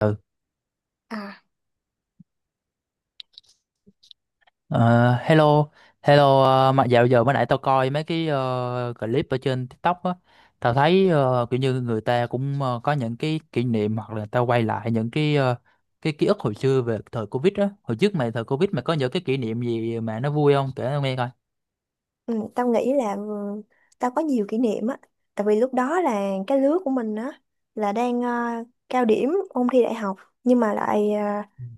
Ừ. À, Ờ, hello hello, mà dạo giờ mới nãy tao coi mấy cái clip ở trên TikTok á. Tao thấy kiểu như người ta cũng có những cái kỷ niệm hoặc là tao quay lại những cái cái ký ức hồi xưa về thời Covid á. Hồi trước mày thời Covid mày có những cái kỷ niệm gì mà nó vui không kể tao nghe coi. ừ, tao nghĩ là tao có nhiều kỷ niệm á, tại vì lúc đó là cái lứa của mình á là đang cao điểm ôn thi đại học nhưng mà lại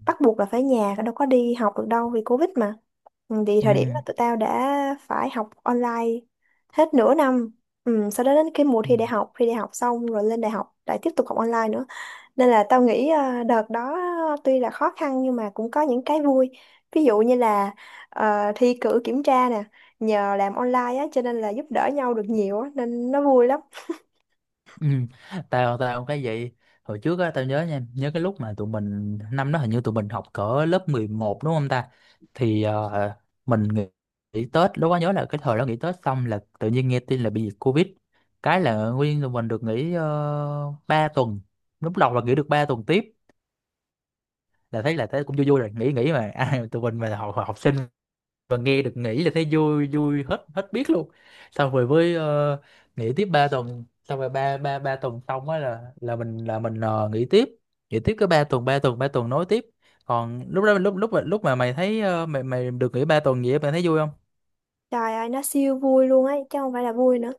bắt buộc là phải nhà đâu có đi học được đâu vì Covid mà. Ừ, thì Ừ. thời điểm đó tụi tao đã phải học online hết nửa năm. Ừ, sau đó đến cái mùa Ừ. Thi đại học xong rồi lên đại học lại tiếp tục học online nữa. Nên là tao nghĩ đợt đó tuy là khó khăn nhưng mà cũng có những cái vui. Ví dụ như là thi cử kiểm tra nè, nhờ làm online á cho nên là giúp đỡ nhau được nhiều á nên nó vui lắm. Ừ. Tao tao cũng cái vậy, hồi trước á tao nhớ nha, nhớ cái lúc mà tụi mình năm đó hình như tụi mình học cỡ lớp 11 đúng không ta, thì mình nghỉ, nghỉ Tết. Lúc đó nhớ là cái thời đó nghỉ Tết xong là tự nhiên nghe tin là bị dịch Covid, cái là nguyên tụi mình được nghỉ 3 tuần. Lúc đầu là nghỉ được 3 tuần tiếp là thấy cũng vui vui, rồi nghỉ nghỉ mà ai mà tụi mình mà học học sinh và nghe được nghĩ là thấy vui vui hết hết biết luôn. Xong rồi với nghỉ tiếp ba tuần, xong rồi ba ba ba tuần xong á là mình nghỉ tiếp, nghỉ tiếp cái ba tuần, ba tuần ba tuần nối tiếp. Còn lúc đó lúc lúc mà mày thấy mày mày được nghỉ ba tuần gì á, mày thấy vui không? Trời ơi nó siêu vui luôn ấy chứ không phải là vui nữa.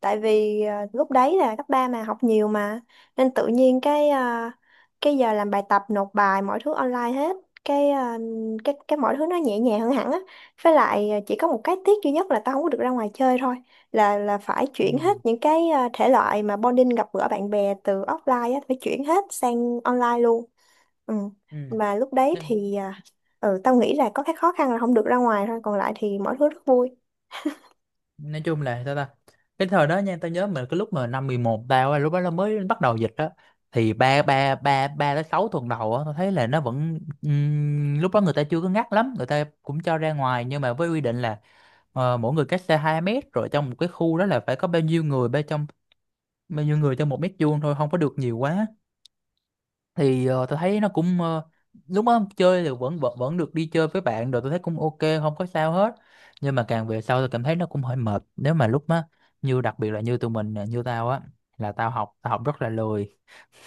Tại vì lúc đấy là cấp 3 mà học nhiều mà nên tự nhiên cái giờ làm bài tập nộp bài mọi thứ online hết cái à, cái mọi thứ nó nhẹ nhàng hơn hẳn á với lại chỉ có một cái tiếc duy nhất là tao không có được ra ngoài chơi thôi là phải Ừ. chuyển hết những thể loại mà bonding gặp gỡ bạn bè từ offline á phải chuyển hết sang online luôn. Ừ, mà lúc đấy Ừ. thì tao nghĩ là có cái khó khăn là không được ra ngoài thôi còn lại thì mọi thứ rất vui. Nói chung là sao ta, cái thời đó nha tao nhớ mình cái lúc mà năm 11, tao á, lúc đó nó mới bắt đầu dịch đó, thì ba ba ba ba tới sáu tuần đầu á tao thấy là nó vẫn lúc đó người ta chưa có ngắt lắm, người ta cũng cho ra ngoài nhưng mà với quy định là mỗi người cách xa 2 mét, rồi trong một cái khu đó là phải có bao nhiêu người bên trong, bao nhiêu người trong một mét vuông thôi, không có được nhiều quá. Thì tôi thấy nó cũng lúc đó chơi thì vẫn vẫn vẫn được đi chơi với bạn, rồi tôi thấy cũng ok không có sao hết. Nhưng mà càng về sau tôi cảm thấy nó cũng hơi mệt, nếu mà lúc đó như đặc biệt là như tụi mình nè, như tao á, là tao học, tao học rất là lười,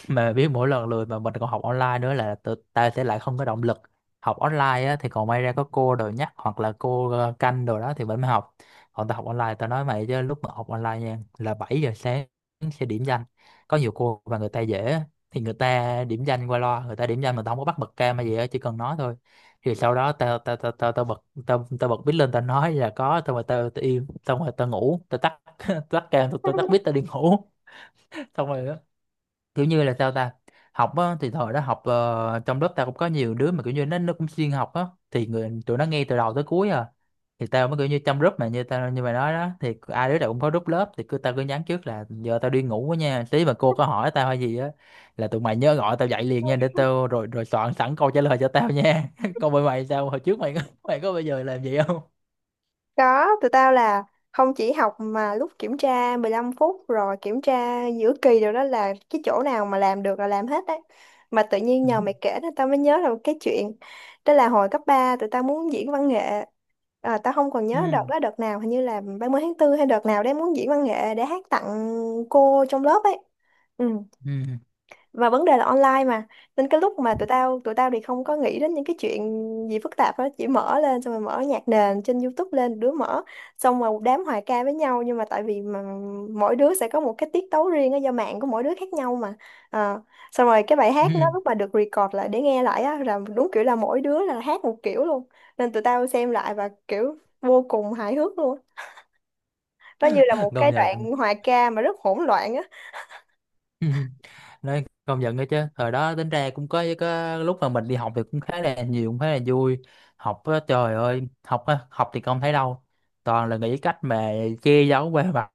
mà biết mỗi lần lười mà mình còn học online nữa là tự, ta sẽ lại không có động lực. Học online á, thì còn may ra có cô đồ nhắc hoặc là cô canh đồ đó thì vẫn mới học. Còn ta học online ta nói mày chứ lúc mà học online nha là 7 giờ sáng sẽ điểm danh. Có nhiều cô mà người ta dễ á, thì người ta điểm danh qua loa, người ta điểm danh mà tao không có bắt bật cam hay gì á, chỉ cần nói thôi. Thì sau đó tao tao tao tao tao bật, tao tao bật bít lên, tao nói là có, xong rồi tao tao im, xong rồi tao ngủ, tao tắt tắt cam, tao tao tắt bít, tao đi ngủ. Xong rồi kiểu như là sao ta, học á thì thời đó học trong lớp tao cũng có nhiều đứa mà kiểu như nó cũng xuyên học á thì người tụi nó nghe từ đầu tới cuối à. Thì tao mới kiểu như trong group mà như tao như mày nói đó, thì ai đứa nào cũng có group lớp, thì cứ tao cứ nhắn trước là giờ tao đi ngủ quá nha, tí mà cô có hỏi tao hay gì á là tụi mày nhớ gọi tao dậy liền nha, để tao rồi rồi soạn sẵn câu trả lời cho tao nha. Còn bên mày sao, hồi trước mày có bao giờ làm vậy không? Có, tụi tao là không chỉ học mà lúc kiểm tra 15 phút rồi kiểm tra giữa kỳ rồi đó là cái chỗ nào mà làm được là làm hết đấy. Mà tự nhiên Ừ. nhờ mày kể nên tao mới nhớ là một cái chuyện. Đó là hồi cấp 3, tụi tao muốn diễn văn nghệ. À, tao không còn nhớ đợt Ừ. đó đợt nào hình như là 30 tháng 4 hay đợt nào đấy muốn diễn văn nghệ để hát tặng cô trong lớp ấy. Ừ, Ừ. và vấn đề là online mà nên cái lúc mà tụi tao thì không có nghĩ đến những cái chuyện gì phức tạp đó chỉ mở lên xong rồi mở nhạc nền trên YouTube lên đứa mở xong rồi một đám hòa ca với nhau nhưng mà tại vì mỗi đứa sẽ có một cái tiết tấu riêng á do mạng của mỗi đứa khác nhau mà. Ờ, xong rồi cái bài hát nó Ừ. lúc mà được record lại để nghe lại á là đúng kiểu là mỗi đứa là hát một kiểu luôn, nên tụi tao xem lại và kiểu vô cùng hài hước luôn, nó như là một Công cái nhận. đoạn hòa ca mà rất hỗn loạn á. Nói công nhận đó chứ thời đó tính ra cũng có lúc mà mình đi học thì cũng khá là nhiều, cũng khá là vui. Học á, trời ơi học á, học thì không thấy đâu, toàn là nghĩ cách mà che giấu qua mặt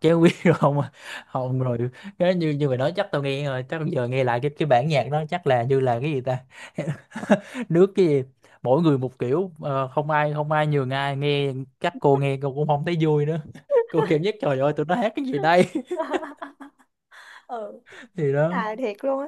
chế quý rồi không à. Không rồi, cái như như mày nói chắc tao nghe rồi, chắc giờ nghe lại cái bản nhạc đó chắc là như là cái gì ta, nước cái gì, mỗi người một kiểu không ai không ai nhường ai nghe. Chắc cô nghe cô cũng không thấy vui nữa, cô cảm nhất trời ơi tụi nó hát cái gì đây. Ừ, Thì đó. hài thiệt luôn á,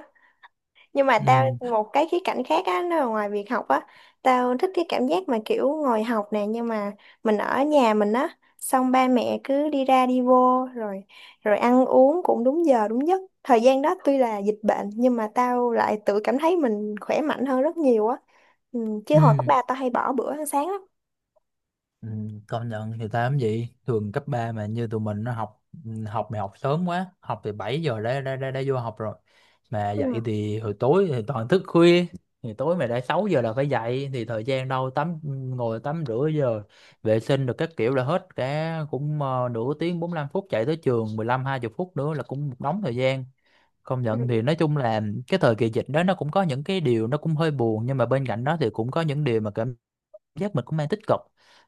nhưng mà tao Ừ. một cái khía cạnh khác á nó là ngoài việc học á, tao thích cái cảm giác mà kiểu ngồi học nè nhưng mà mình ở nhà mình á xong ba mẹ cứ đi ra đi vô rồi rồi ăn uống cũng đúng giờ đúng giấc, thời gian đó tuy là dịch bệnh nhưng mà tao lại tự cảm thấy mình khỏe mạnh hơn rất nhiều á. Ừ, chứ hồi cấp Ừ. ba tao hay bỏ bữa ăn sáng lắm. Ừ, công nhận thì tám gì thường cấp 3 mà như tụi mình nó học, học mày học sớm quá, học từ 7 giờ đã vô học rồi, mà dậy thì hồi tối thì toàn thức khuya, thì tối mày đã 6 giờ là phải dậy thì thời gian đâu tắm, ngồi tắm rửa giờ vệ sinh được các kiểu là hết cả cũng nửa tiếng 45 phút, chạy tới trường mười lăm hai 20 phút nữa là cũng một đống thời gian. Công Ừ. nhận thì nói chung là cái thời kỳ dịch đó nó cũng có những cái điều nó cũng hơi buồn, nhưng mà bên cạnh đó thì cũng có những điều mà cảm giác mình cũng đang tích cực.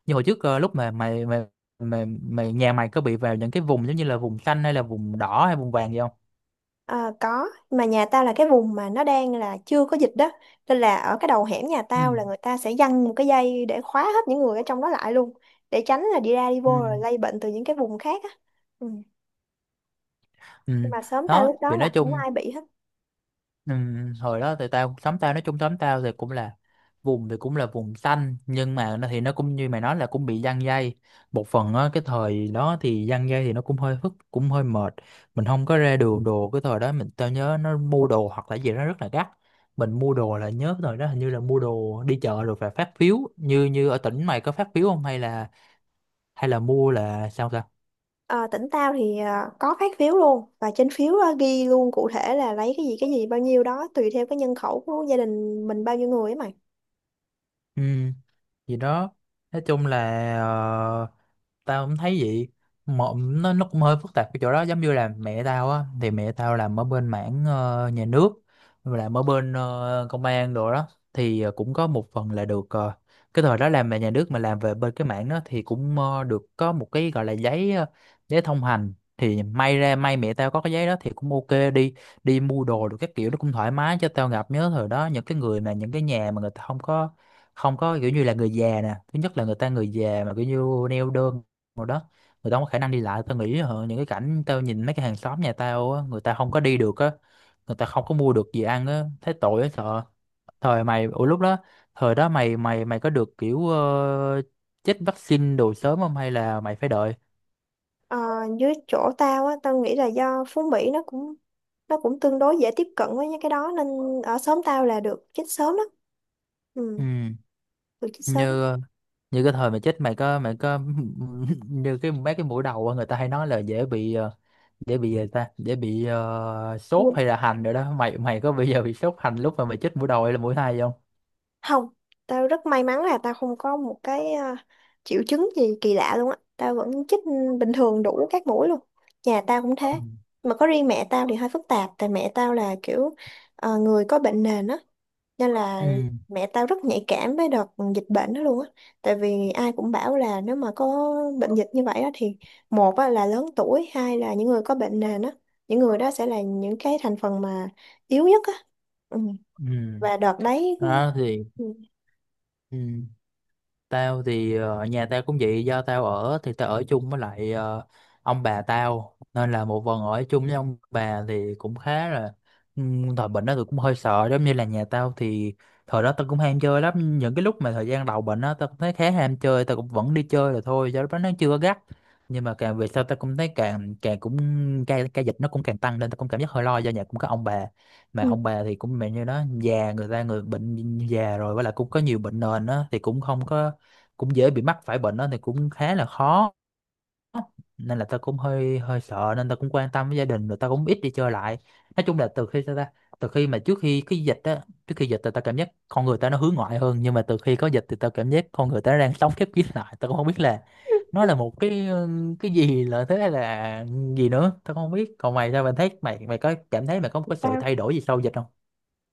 Như hồi trước lúc mà mày mày mày mày nhà mày có bị vào những cái vùng giống như là vùng xanh hay là vùng đỏ hay vùng vàng gì không? Ờ, có mà nhà tao là cái vùng mà nó đang là chưa có dịch đó nên là ở cái đầu hẻm nhà Ừ. tao là người ta sẽ giăng một cái dây để khóa hết những người ở trong đó lại luôn để tránh là đi ra đi Ừ. vô rồi lây bệnh từ những cái vùng khác á. Ừ. Ừ. Nhưng mà sớm tao Đó lúc đó vì là nói không chung, ai bị hết. ừ, hồi đó thì tao xóm tao nói chung xóm tao thì cũng là vùng thì cũng là vùng xanh, nhưng mà nó thì nó cũng như mày nói là cũng bị giăng dây một phần á. Cái thời đó thì giăng dây thì nó cũng hơi phức, cũng hơi mệt, mình không có ra đường đồ. Cái thời đó mình tao nhớ nó mua đồ hoặc là gì đó rất là gắt, mình mua đồ là nhớ cái thời đó hình như là mua đồ đi chợ rồi phải phát phiếu, như như ở tỉnh mày có phát phiếu không hay là hay là mua là sao ta? Ờ, tỉnh tao thì có phát phiếu luôn và trên phiếu ghi luôn cụ thể là lấy cái gì bao nhiêu đó tùy theo cái nhân khẩu của gia đình mình bao nhiêu người ấy mày. Ừ, gì đó nói chung là ờ, tao cũng thấy vậy. Một nó cũng hơi phức tạp cái chỗ đó, giống như là mẹ tao á, thì mẹ tao làm ở bên mảng nhà nước, làm ở bên công an đồ đó. Thì cũng có một phần là được cái thời đó làm về nhà nước mà làm về bên cái mảng đó thì cũng được có một cái gọi là giấy giấy thông hành, thì may ra may mẹ tao có cái giấy đó thì cũng ok đi, đi mua đồ được các kiểu, nó cũng thoải mái cho tao. Gặp nhớ thời đó những cái người mà những cái nhà mà người ta không có, không có kiểu như là người già nè, thứ nhất là người ta người già mà kiểu như neo đơn rồi đó, người ta không có khả năng đi lại, tao nghĩ hả, những cái cảnh tao nhìn mấy cái hàng xóm nhà tao á, người ta không có đi được á, người ta không có mua được gì ăn á, thấy tội á sợ. Thời mày ủa lúc đó, thời đó mày mày mày có được kiểu chích vaccine đồ sớm không hay là mày phải đợi? Ờ, dưới chỗ tao á, tao nghĩ là do Phú Mỹ nó cũng tương đối dễ tiếp cận với những cái đó nên ở xóm tao là được chích sớm đó. Ừ, Ừ, được chích sớm. như như cái thời mày chết mày có như cái mấy cái mũi đầu á, người ta hay nói là dễ bị dễ bị gì ta, dễ bị sốt Vui. hay là hành rồi đó, mày mày có bây giờ bị sốt hành lúc mà mày chết mũi đầu hay là mũi hai không? Không, tao rất may mắn là tao không có một cái triệu chứng gì kỳ lạ luôn á. Tao vẫn chích bình thường đủ các mũi luôn. Nhà tao cũng thế. Mà có riêng mẹ tao thì hơi phức tạp tại mẹ tao là kiểu người có bệnh nền á. Nên Ừ. là mẹ tao rất nhạy cảm với đợt dịch bệnh đó luôn á tại vì ai cũng bảo là nếu mà có bệnh dịch như vậy á thì một á, là lớn tuổi, hai là những người có bệnh nền á, những người đó sẽ là những cái thành phần mà yếu nhất á. Ừ. Ừ. Và đợt đấy Đó thì, ừ. ừ. Tao thì nhà tao cũng vậy, do tao ở thì tao ở chung với lại ông bà tao, nên là một phần ở chung với ông bà thì cũng khá là thời bệnh đó tôi cũng hơi sợ. Giống như là nhà tao thì thời đó tao cũng ham chơi lắm, những cái lúc mà thời gian đầu bệnh đó tao cũng thấy khá ham chơi, tao cũng vẫn đi chơi là thôi do lúc đó nó chưa có gắt. Nhưng mà càng về sau tao cũng thấy càng càng cũng ca ca dịch nó cũng càng tăng nên tao cũng cảm giác hơi lo, do nhà cũng có ông bà, mà Ừ, ông bà thì cũng mẹ như đó già, người ta người bệnh già rồi với lại cũng có nhiều bệnh nền á, thì cũng không có, cũng dễ bị mắc phải bệnh đó thì cũng khá là khó. Nên là ta cũng hơi hơi sợ, nên ta cũng quan tâm với gia đình rồi ta cũng ít đi chơi lại. Nói chung là từ khi mà trước khi cái dịch á, trước khi dịch thì ta cảm giác con người ta nó hướng ngoại hơn, nhưng mà từ khi có dịch thì ta cảm giác con người ta nó đang sống khép kín lại. Ta cũng không biết là nó là một cái cái gì là thế hay là gì nữa ta cũng không biết. Còn mày sao, mày thấy mày mày có cảm thấy mày có một cái sự Tao thay đổi gì sau dịch không?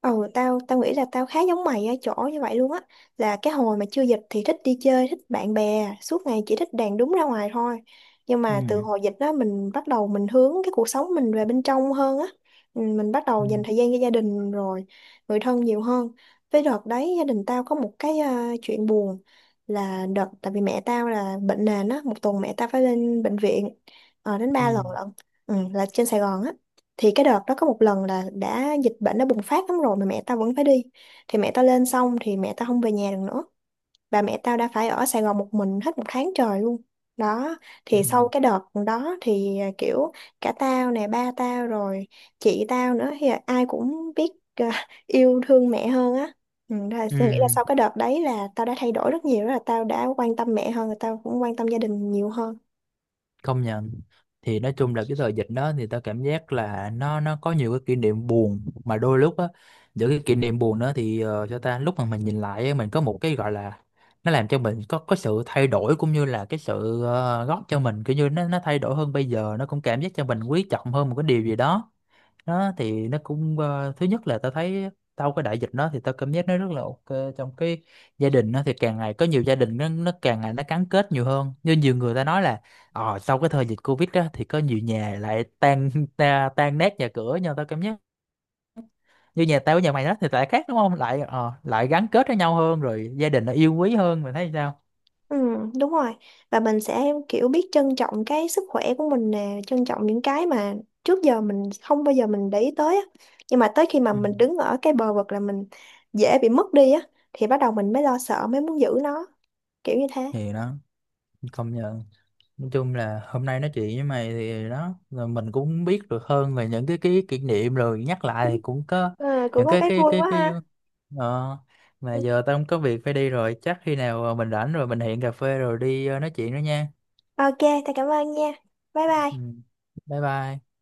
Ừ, tao tao nghĩ là tao khá giống mày ở chỗ như vậy luôn á, là cái hồi mà chưa dịch thì thích đi chơi thích bạn bè suốt ngày chỉ thích đàn đúng ra ngoài thôi nhưng mà từ Ừ. hồi dịch đó mình bắt đầu mình hướng cái cuộc sống mình về bên trong hơn á. Ừ, mình bắt đầu Ừ. dành thời gian cho gia đình rồi người thân nhiều hơn, với đợt đấy gia đình tao có một cái chuyện buồn là đợt tại vì mẹ tao là bệnh nền á, một tuần mẹ tao phải lên bệnh viện đến ba Ừ. lần lận. Ừ, là trên Sài Gòn á, thì cái đợt đó có một lần là đã dịch bệnh đã bùng phát lắm rồi mà mẹ tao vẫn phải đi, thì mẹ tao lên xong thì mẹ tao không về nhà được nữa, bà mẹ tao đã phải ở Sài Gòn một mình hết một tháng trời luôn đó. Ừ. Thì sau cái đợt đó thì kiểu cả tao nè ba tao rồi chị tao nữa thì ai cũng biết yêu thương mẹ hơn á. Ừ, đó là tôi nghĩ là Ừ. sau cái đợt đấy là tao đã thay đổi rất nhiều, đó là tao đã quan tâm mẹ hơn, tao cũng quan tâm gia đình nhiều hơn. Công nhận thì nói chung là cái thời dịch đó thì tao cảm giác là nó có nhiều cái kỷ niệm buồn, mà đôi lúc á giữa cái kỷ niệm buồn đó thì cho ta lúc mà mình nhìn lại á, mình có một cái gọi là nó làm cho mình có sự thay đổi, cũng như là cái sự góp cho mình kiểu như nó thay đổi hơn, bây giờ nó cũng cảm giác cho mình quý trọng hơn một cái điều gì đó. Nó thì nó cũng thứ nhất là tao thấy sau cái đại dịch đó thì tao cảm giác nó rất là ok trong cái gia đình. Nó thì càng ngày có nhiều gia đình nó càng ngày nó gắn kết nhiều hơn, như nhiều người ta nói là ờ sau cái thời dịch Covid đó thì có nhiều nhà lại tan ta, tan nát nhà cửa. Nhưng mà tao cảm giác như nhà tao với nhà mày đó thì lại khác đúng không, lại lại gắn kết với nhau hơn rồi gia đình nó yêu quý hơn, mày thấy sao? Ừ, đúng rồi. Và mình sẽ kiểu biết trân trọng cái sức khỏe của mình nè, trân trọng những cái mà trước giờ mình không bao giờ mình để ý tới á. Nhưng mà tới khi mà Ừ. mình đứng ở cái bờ vực là mình dễ bị mất đi á, thì bắt đầu mình mới lo sợ, mới muốn giữ nó, kiểu như thế. Thì đó, công nhận, nói chung là hôm nay nói chuyện với mày thì đó rồi mình cũng biết được hơn về những cái kỷ niệm, rồi nhắc lại thì cũng có Ừ, cũng những có cái cái cái vui cái quá cái ha. ờ, mà Ừ. giờ tao không có việc phải đi rồi, chắc khi nào mình rảnh rồi mình hẹn cà phê rồi đi nói chuyện nữa nha. Ok, thầy cảm ơn nha. Bye Ừ. bye. Bye bye.